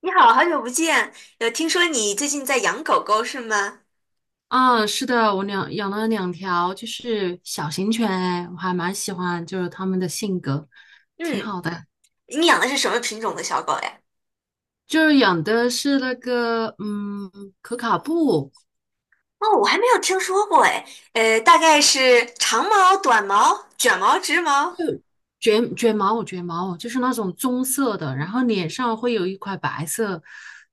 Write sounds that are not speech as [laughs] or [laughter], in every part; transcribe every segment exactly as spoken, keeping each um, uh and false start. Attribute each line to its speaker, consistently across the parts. Speaker 1: 你好，好久不见。有听说你最近在养狗狗是吗？
Speaker 2: 啊，是的，我两养了两条，就是小型犬，哎，我还蛮喜欢，就是它们的性格挺
Speaker 1: 嗯，
Speaker 2: 好的。
Speaker 1: 你养的是什么品种的小狗呀？
Speaker 2: 就是养的是那个，嗯，可卡布
Speaker 1: 哦，我还没有听说过哎。呃，大概是长毛、短毛、卷毛、直毛。
Speaker 2: 卷卷毛，卷毛就是那种棕色的，然后脸上会有一块白色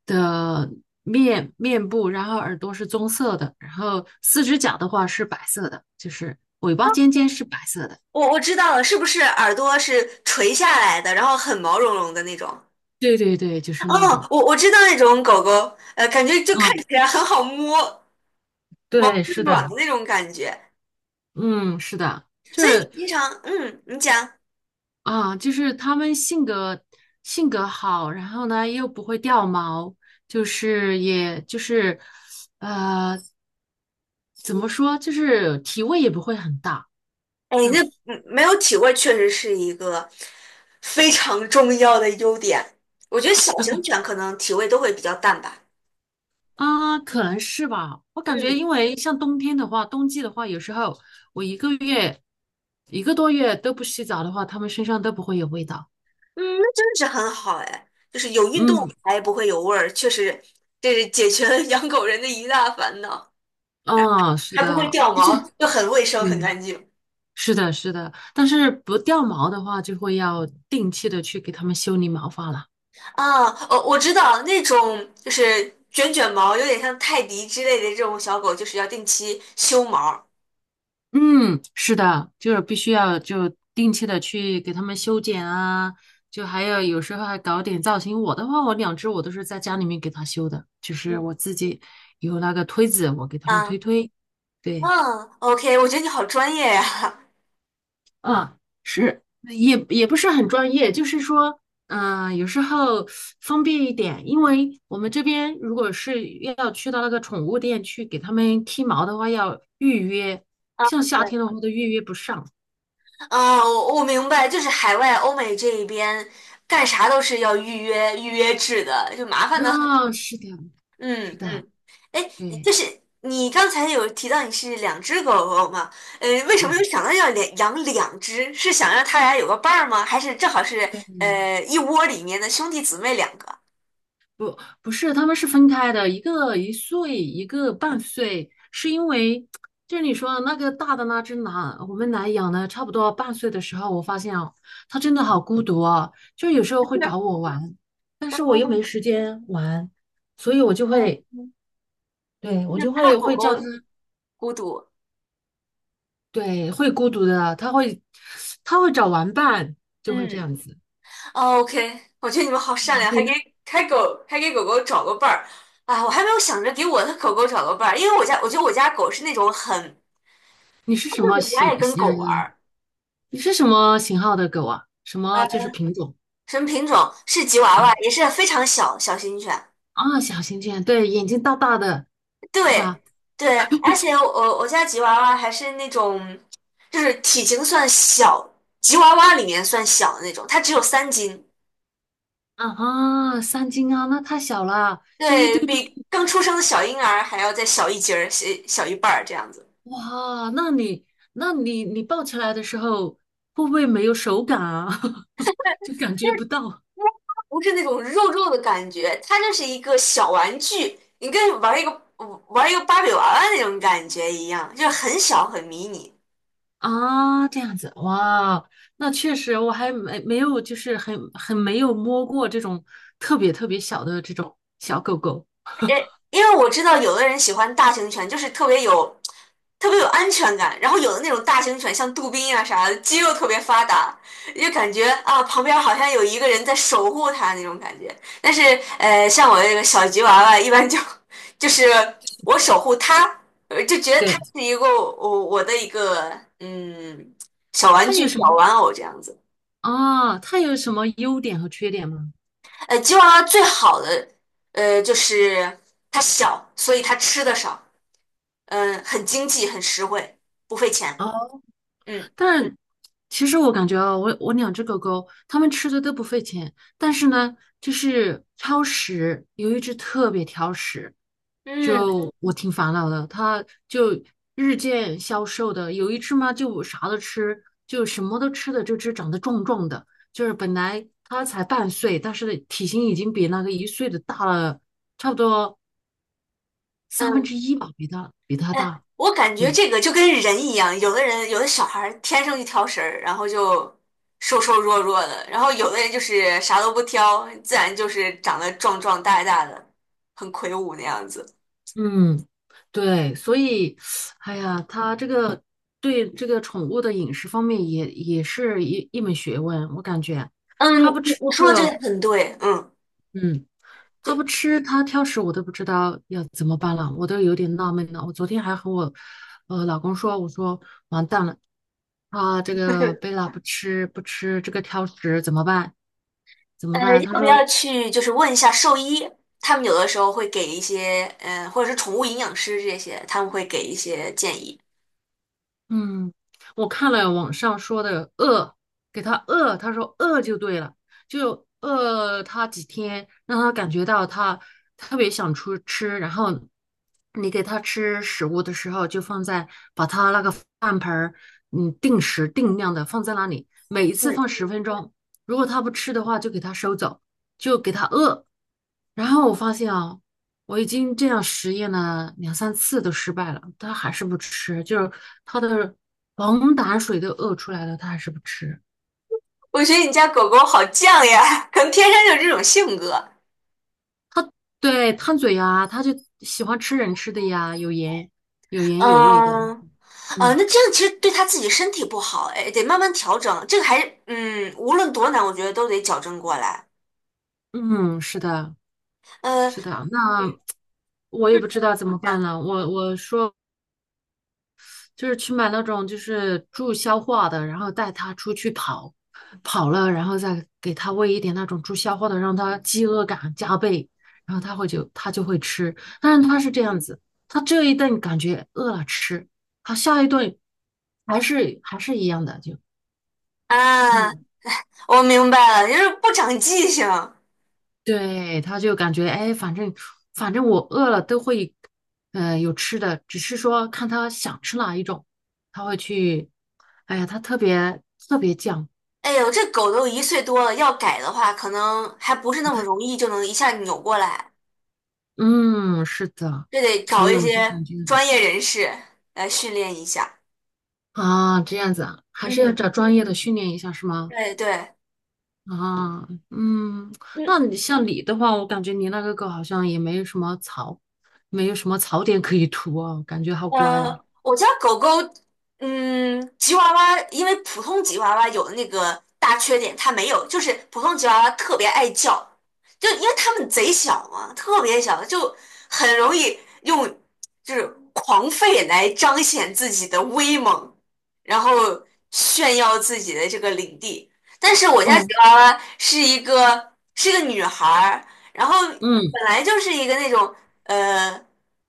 Speaker 2: 的面面部，然后耳朵是棕色的，然后四只脚的话是白色的，就是尾巴尖尖是白色的。
Speaker 1: 我我知道了，是不是耳朵是垂下来的，然后很毛茸茸的那种？
Speaker 2: 对对对，就是那
Speaker 1: 哦，
Speaker 2: 种。
Speaker 1: 我我知道那种狗狗，呃，感觉就看
Speaker 2: 嗯，
Speaker 1: 起来很好摸，毛
Speaker 2: 对，
Speaker 1: 是
Speaker 2: 是的，
Speaker 1: 软的那种感觉。
Speaker 2: 嗯，是的。就
Speaker 1: 所以你
Speaker 2: 是
Speaker 1: 经常，嗯，你讲。
Speaker 2: 啊，就是他们性格性格好，然后呢又不会掉毛，就是也就是呃怎么说，就是体味也不会很大。
Speaker 1: 哎，
Speaker 2: 嗯
Speaker 1: 那嗯没有体味确实是一个非常重要的优点。我觉得小型犬可能体味都会比较淡吧。
Speaker 2: 啊，可能是吧。我感觉，
Speaker 1: 嗯
Speaker 2: 因为像冬天的话，冬季的话，有时候我一个月一个多月都不洗澡的话，他们身上都不会有味道。
Speaker 1: 嗯，那真的是很好哎，就是有运动
Speaker 2: 嗯，
Speaker 1: 还不会有味儿，确实这是解决了养狗人的一大烦恼，
Speaker 2: 啊，是
Speaker 1: 还
Speaker 2: 的，
Speaker 1: 不会掉
Speaker 2: 而且
Speaker 1: 毛，又很卫生很
Speaker 2: 对，
Speaker 1: 干净。
Speaker 2: 是的，是的，但是不掉毛的话，就会要定期的去给它们修理毛发了。
Speaker 1: 啊，哦，我知道那种就是卷卷毛，有点像泰迪之类的这种小狗，就是要定期修毛。
Speaker 2: 嗯，是的，就是必须要就定期的去给它们修剪啊，就还有有时候还搞点造型。我的话，我两只我都是在家里面给它修的，就是
Speaker 1: 嗯
Speaker 2: 我自己有那个推子，我给它们
Speaker 1: 啊
Speaker 2: 推推。对。
Speaker 1: 嗯，OK，我觉得你好专业呀。
Speaker 2: 啊，是，也也不是很专业，就是说，嗯、有时候封闭一点，因为我们这边如果是要去到那个宠物店去给它们剃毛的话，要预约，
Speaker 1: 啊，
Speaker 2: 像夏
Speaker 1: 对，
Speaker 2: 天的话都预约不上。
Speaker 1: 啊，我我明白，就是海外欧美这一边干啥都是要预约预约制的，就麻烦的很。
Speaker 2: 啊、是的，是
Speaker 1: 嗯
Speaker 2: 的，
Speaker 1: 嗯，哎，就
Speaker 2: 对，
Speaker 1: 是你刚才有提到你是两只狗狗嘛？呃，为什么又
Speaker 2: 啊。
Speaker 1: 想到要两养两只？是想让它俩有个伴儿吗？还是正好是
Speaker 2: 对
Speaker 1: 呃一窝里面的兄弟姊妹两个？
Speaker 2: 不是，他们是分开的，一个一岁，一个半岁，是因为就是你说的那个大的那只狼，我们来养了差不多半岁的时候，我发现哦，它真的好孤独哦，就有时候会找我玩，但是我又没时间玩，所以我就
Speaker 1: [laughs] 嗯
Speaker 2: 会，
Speaker 1: 嗯，
Speaker 2: 对，
Speaker 1: 嗯
Speaker 2: 我
Speaker 1: 就是
Speaker 2: 就
Speaker 1: 怕
Speaker 2: 会
Speaker 1: 狗
Speaker 2: 会叫它，
Speaker 1: 狗孤独。
Speaker 2: 对，会孤独的，它会，它会找玩伴，就会这
Speaker 1: 嗯。
Speaker 2: 样子。
Speaker 1: 哦，OK，我觉得你们好善良，
Speaker 2: 你
Speaker 1: 还给
Speaker 2: 呢？
Speaker 1: 还狗还给狗狗找个伴儿。啊！我还没有想着给我的狗狗找个伴儿，因为我家我觉得我家狗是那种很
Speaker 2: 你是什么
Speaker 1: 就是不
Speaker 2: 型？
Speaker 1: 爱跟狗玩
Speaker 2: 嗯，
Speaker 1: 儿。
Speaker 2: 你是什么型号的狗啊？什么
Speaker 1: 啊，
Speaker 2: 就是品种？
Speaker 1: 什么品种？是吉娃娃，
Speaker 2: 啊？
Speaker 1: 也是非常小小型犬。
Speaker 2: 啊，小型犬，对，眼睛大大的，是吧？
Speaker 1: 对对，而且我我家吉娃娃还是那种就是体型算小，吉娃娃里面算小的那种，它只有三斤，
Speaker 2: 啊，三斤啊，那太小了，就一
Speaker 1: 对，
Speaker 2: 丢丢。
Speaker 1: 比刚出生的小婴儿还要再小一截儿，小小一半儿这样子。
Speaker 2: 哇，那你，那你，你抱起来的时候会不会没有手感啊？[laughs] 就感觉不到
Speaker 1: 不是那种肉肉的感觉，它就是一个小玩具，你跟玩一个玩一个芭比娃娃那种感觉一样，就是很小很迷你。
Speaker 2: 啊，这样子，哇，那确实我还没没有，就是很很没有摸过这种特别特别小的这种小狗狗。
Speaker 1: 因因为我知道有的人喜欢大型犬，就是特别有特别有安全感，然后有的那种大型犬像杜宾啊啥的，肌肉特别发达，就感觉啊旁边好像有一个人在守护它那种感觉。但是呃，像我这个小吉娃娃，一般就 [laughs] 就是我守护它，呃就觉得它
Speaker 2: 对，
Speaker 1: 是一个我我的一个嗯小玩
Speaker 2: 它
Speaker 1: 具、
Speaker 2: 有什
Speaker 1: 小
Speaker 2: 么
Speaker 1: 玩偶这样子。
Speaker 2: 啊？它有什么优点和缺点吗？
Speaker 1: 呃，吉娃娃最好的呃就是它小，所以它吃的少。嗯，很经济，很实惠，不费钱。
Speaker 2: 啊。
Speaker 1: 嗯
Speaker 2: 但是其实我感觉啊，我我两只狗狗，它们吃的都不费钱，但是呢，就是挑食，有一只特别挑食，
Speaker 1: 嗯，
Speaker 2: 就我挺烦恼的，它就日渐消瘦的，有一只嘛就啥都吃，就什么都吃的，这只长得壮壮的，就是本来它才半岁，但是体型已经比那个一岁的大了差不多三分
Speaker 1: 嗯，
Speaker 2: 之一吧，比它比它
Speaker 1: 哎，
Speaker 2: 大。
Speaker 1: 我感觉
Speaker 2: 对。
Speaker 1: 这个就跟人一样，有的人有的小孩儿天生一挑食，儿，然后就瘦瘦弱弱的，然后有的人就是啥都不挑，自然就是长得壮壮大大的，很魁梧那样子。
Speaker 2: 嗯，对，所以，哎呀，他这个对这个宠物的饮食方面也也是一一门学问，我感觉
Speaker 1: 嗯，
Speaker 2: 他不
Speaker 1: 你
Speaker 2: 吃
Speaker 1: 你
Speaker 2: 这
Speaker 1: 说的这个
Speaker 2: 个，
Speaker 1: 很对，嗯，
Speaker 2: 嗯，
Speaker 1: 就
Speaker 2: 他不吃，他挑食，我都不知道要怎么办了，我都有点纳闷了。我昨天还和我呃老公说，我说完蛋了，啊，这个贝拉不吃不吃这个挑食怎么办？怎
Speaker 1: 呃，
Speaker 2: 么办？他
Speaker 1: 要不
Speaker 2: 说。
Speaker 1: 要去就是问一下兽医？他们有的时候会给一些，嗯、或者是宠物营养师这些，他们会给一些建议。
Speaker 2: 嗯，我看了网上说的饿，给他饿，他说饿就对了，就饿他几天，让他感觉到他特别想出吃，然后你给他吃食物的时候，就放在把他那个饭盆儿，嗯，定时定量的放在那里，每一次放
Speaker 1: 嗯。
Speaker 2: 十分钟，如果他不吃的话，就给他收走，就给他饿。然后我发现啊，我已经这样实验了两三次都失败了，他还是不吃，就是他的黄胆水都饿出来了，他还是不吃。
Speaker 1: 我觉得你家狗狗好犟呀，[laughs] 可能天生就这种性格。
Speaker 2: 对，贪嘴呀，他就喜欢吃人吃的呀，有盐、有盐有味的。
Speaker 1: 嗯啊，
Speaker 2: 嗯
Speaker 1: 那这样其实对它自己身体不好，哎，得慢慢调整。这个还是嗯，无论多难，我觉得都得矫正过来。
Speaker 2: 嗯，是的，
Speaker 1: 呃，
Speaker 2: 是的。那我也不知道怎么
Speaker 1: 行
Speaker 2: 办了。我我说就是去买那种就是助消化的，然后带它出去跑，跑了，然后再给它喂一点那种助消化的，让它饥饿感加倍，然后它会就它就会吃。但是它是这样子，它这一顿感觉饿了吃，它下一顿还是还是一样的，就
Speaker 1: 啊，
Speaker 2: 嗯，
Speaker 1: 我明白了，就是不长记性。
Speaker 2: 对，它就感觉哎，反正反正我饿了都会，呃，有吃的，只是说看它想吃哪一种，它会去，哎呀，它特别特别犟。
Speaker 1: 哎呦，这狗都一岁多了，要改的话，可能还不是那么容易就能一下扭过来，
Speaker 2: 嗯，是的，
Speaker 1: 这得
Speaker 2: 所
Speaker 1: 找
Speaker 2: 以
Speaker 1: 一
Speaker 2: 我就
Speaker 1: 些
Speaker 2: 感觉
Speaker 1: 专业人士来训练一下。
Speaker 2: 啊，这样子啊，还是要
Speaker 1: 嗯，
Speaker 2: 找专业的训练一下，是吗？
Speaker 1: 对对。
Speaker 2: 啊，嗯，
Speaker 1: 嗯。
Speaker 2: 那你像你的话，我感觉你那个狗好像也没有什么槽，没有什么槽点可以涂哦，感觉好乖哦。
Speaker 1: 嗯，我家狗狗，嗯，吉娃娃，因为普通吉娃娃有的那个大缺点，它没有，就是普通吉娃娃特别爱叫，就因为它们贼小嘛，特别小，就很容易用就是狂吠来彰显自己的威猛，然后炫耀自己的这个领地。但是我家吉
Speaker 2: 哦，
Speaker 1: 娃娃是一个是一个女孩儿，然后
Speaker 2: 嗯，
Speaker 1: 本来就是一个那种呃。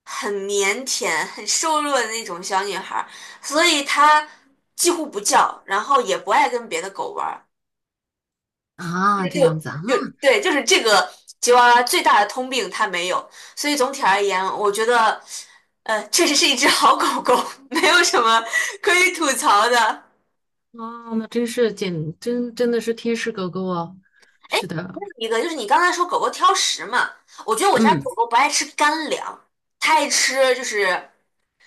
Speaker 1: 很腼腆、很瘦弱的那种小女孩儿，所以她几乎不叫，然后也不爱跟别的狗玩儿。这
Speaker 2: 啊，
Speaker 1: 个
Speaker 2: 这
Speaker 1: 就
Speaker 2: 样子啊，那
Speaker 1: 就对，就是这个吉娃娃最大的通病它没有，所以总体而言，我觉得呃确实是一只好狗狗，[laughs] 没有什么可以吐槽的。
Speaker 2: 啊，那真是简真真的是天使狗狗哦。
Speaker 1: 哎，
Speaker 2: 是
Speaker 1: 还
Speaker 2: 的，
Speaker 1: 有一个就是你刚才说狗狗挑食嘛，我觉得我家
Speaker 2: 嗯，
Speaker 1: 狗狗不爱吃干粮，它爱吃就是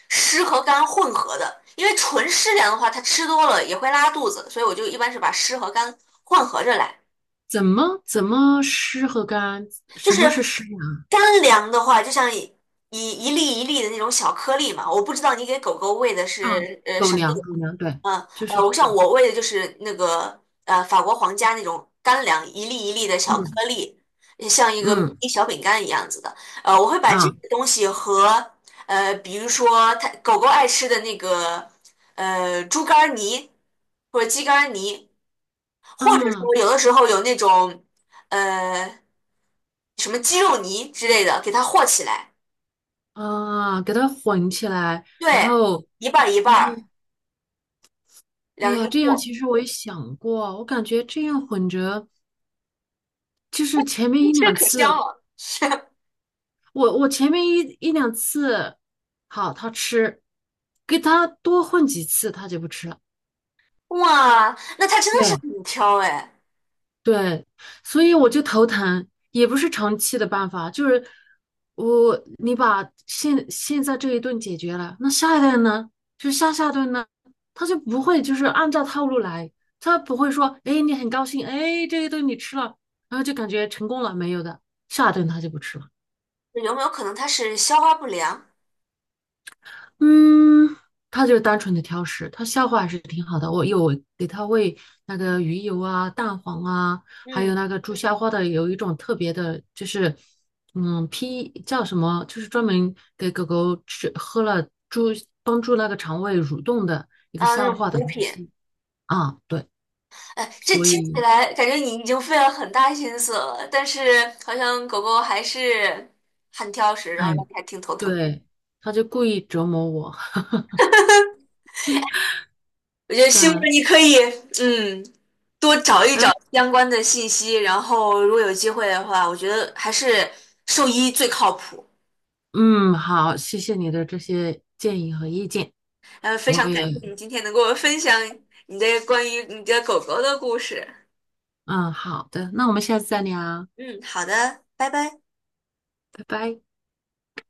Speaker 1: 湿和干混合的，因为纯湿粮的话，它吃多了也会拉肚子，所以我就一般是把湿和干混合着来。
Speaker 2: 怎么怎么湿和干？
Speaker 1: 就
Speaker 2: 什
Speaker 1: 是
Speaker 2: 么是湿粮
Speaker 1: 干粮的话，就像一一一粒一粒的那种小颗粒嘛，我不知道你给狗狗喂的
Speaker 2: 啊？
Speaker 1: 是呃
Speaker 2: 狗
Speaker 1: 什么
Speaker 2: 粮，狗粮，对，
Speaker 1: 嗯，
Speaker 2: 就是
Speaker 1: 呃，
Speaker 2: 这
Speaker 1: 我像
Speaker 2: 种，
Speaker 1: 我喂的就是那个呃法国皇家那种干粮，一粒一粒的小颗
Speaker 2: 嗯。
Speaker 1: 粒，像一个
Speaker 2: 嗯
Speaker 1: 一小饼干一样子的。呃，我会把这
Speaker 2: 啊
Speaker 1: 个东西和呃，比如说它狗狗爱吃的那个呃猪肝儿泥或者鸡肝儿泥，或者
Speaker 2: 啊
Speaker 1: 说有的时候有那种呃什么鸡肉泥之类的，给它和起来，
Speaker 2: 啊，给它混起来，然
Speaker 1: 对，
Speaker 2: 后
Speaker 1: 一半儿一
Speaker 2: 啊，
Speaker 1: 半儿，
Speaker 2: 哎
Speaker 1: 两个一
Speaker 2: 呀，这样
Speaker 1: 和，
Speaker 2: 其实我也想过，我感觉这样混着，就是前面一
Speaker 1: [laughs] 这
Speaker 2: 两
Speaker 1: 可香
Speaker 2: 次，
Speaker 1: 了。[laughs]
Speaker 2: 我我前面一一两次，好，它吃，给它多混几次，它就不吃了。
Speaker 1: 哇，那它真的是
Speaker 2: 对
Speaker 1: 很挑哎，
Speaker 2: 对，所以我就头疼，也不是长期的办法，就是我你把现现在这一顿解决了，那下一顿呢？就下下顿呢，他就不会就是按照套路来，他不会说，哎，你很高兴，哎，这一顿你吃了，然后就感觉成功了，没有的，下一顿他就不吃了。
Speaker 1: 有没有可能它是消化不良？
Speaker 2: 嗯，他就是单纯的挑食，他消化还是挺好的。我有给他喂那个鱼油啊、蛋黄啊，还
Speaker 1: 嗯，
Speaker 2: 有那个助消化的有一种特别的，就是嗯，P 叫什么，就是专门给狗狗吃喝了助帮助那个肠胃蠕动的一个
Speaker 1: 啊，那
Speaker 2: 消
Speaker 1: 种
Speaker 2: 化的
Speaker 1: 补
Speaker 2: 东
Speaker 1: 品，
Speaker 2: 西啊。对，
Speaker 1: 哎，这
Speaker 2: 所
Speaker 1: 听起
Speaker 2: 以
Speaker 1: 来感觉你已经费了很大心思了，但是好像狗狗还是很挑食，然后让
Speaker 2: 哎，
Speaker 1: 你还挺头疼的。
Speaker 2: 对，他就故意折磨我。[laughs]
Speaker 1: 我觉得希望
Speaker 2: 嗯，
Speaker 1: 你可以，嗯，多找一找
Speaker 2: 哎，
Speaker 1: 相关的信息，然后如果有机会的话，我觉得还是兽医最靠谱。
Speaker 2: 嗯，好，谢谢你的这些建议和意见，
Speaker 1: 呃，非常
Speaker 2: 我
Speaker 1: 感
Speaker 2: 也。
Speaker 1: 谢你今天能跟我分享你的关于你的狗狗的故事。
Speaker 2: 嗯，好的，那我们下次再聊，
Speaker 1: 嗯，好的，拜拜。
Speaker 2: 拜拜。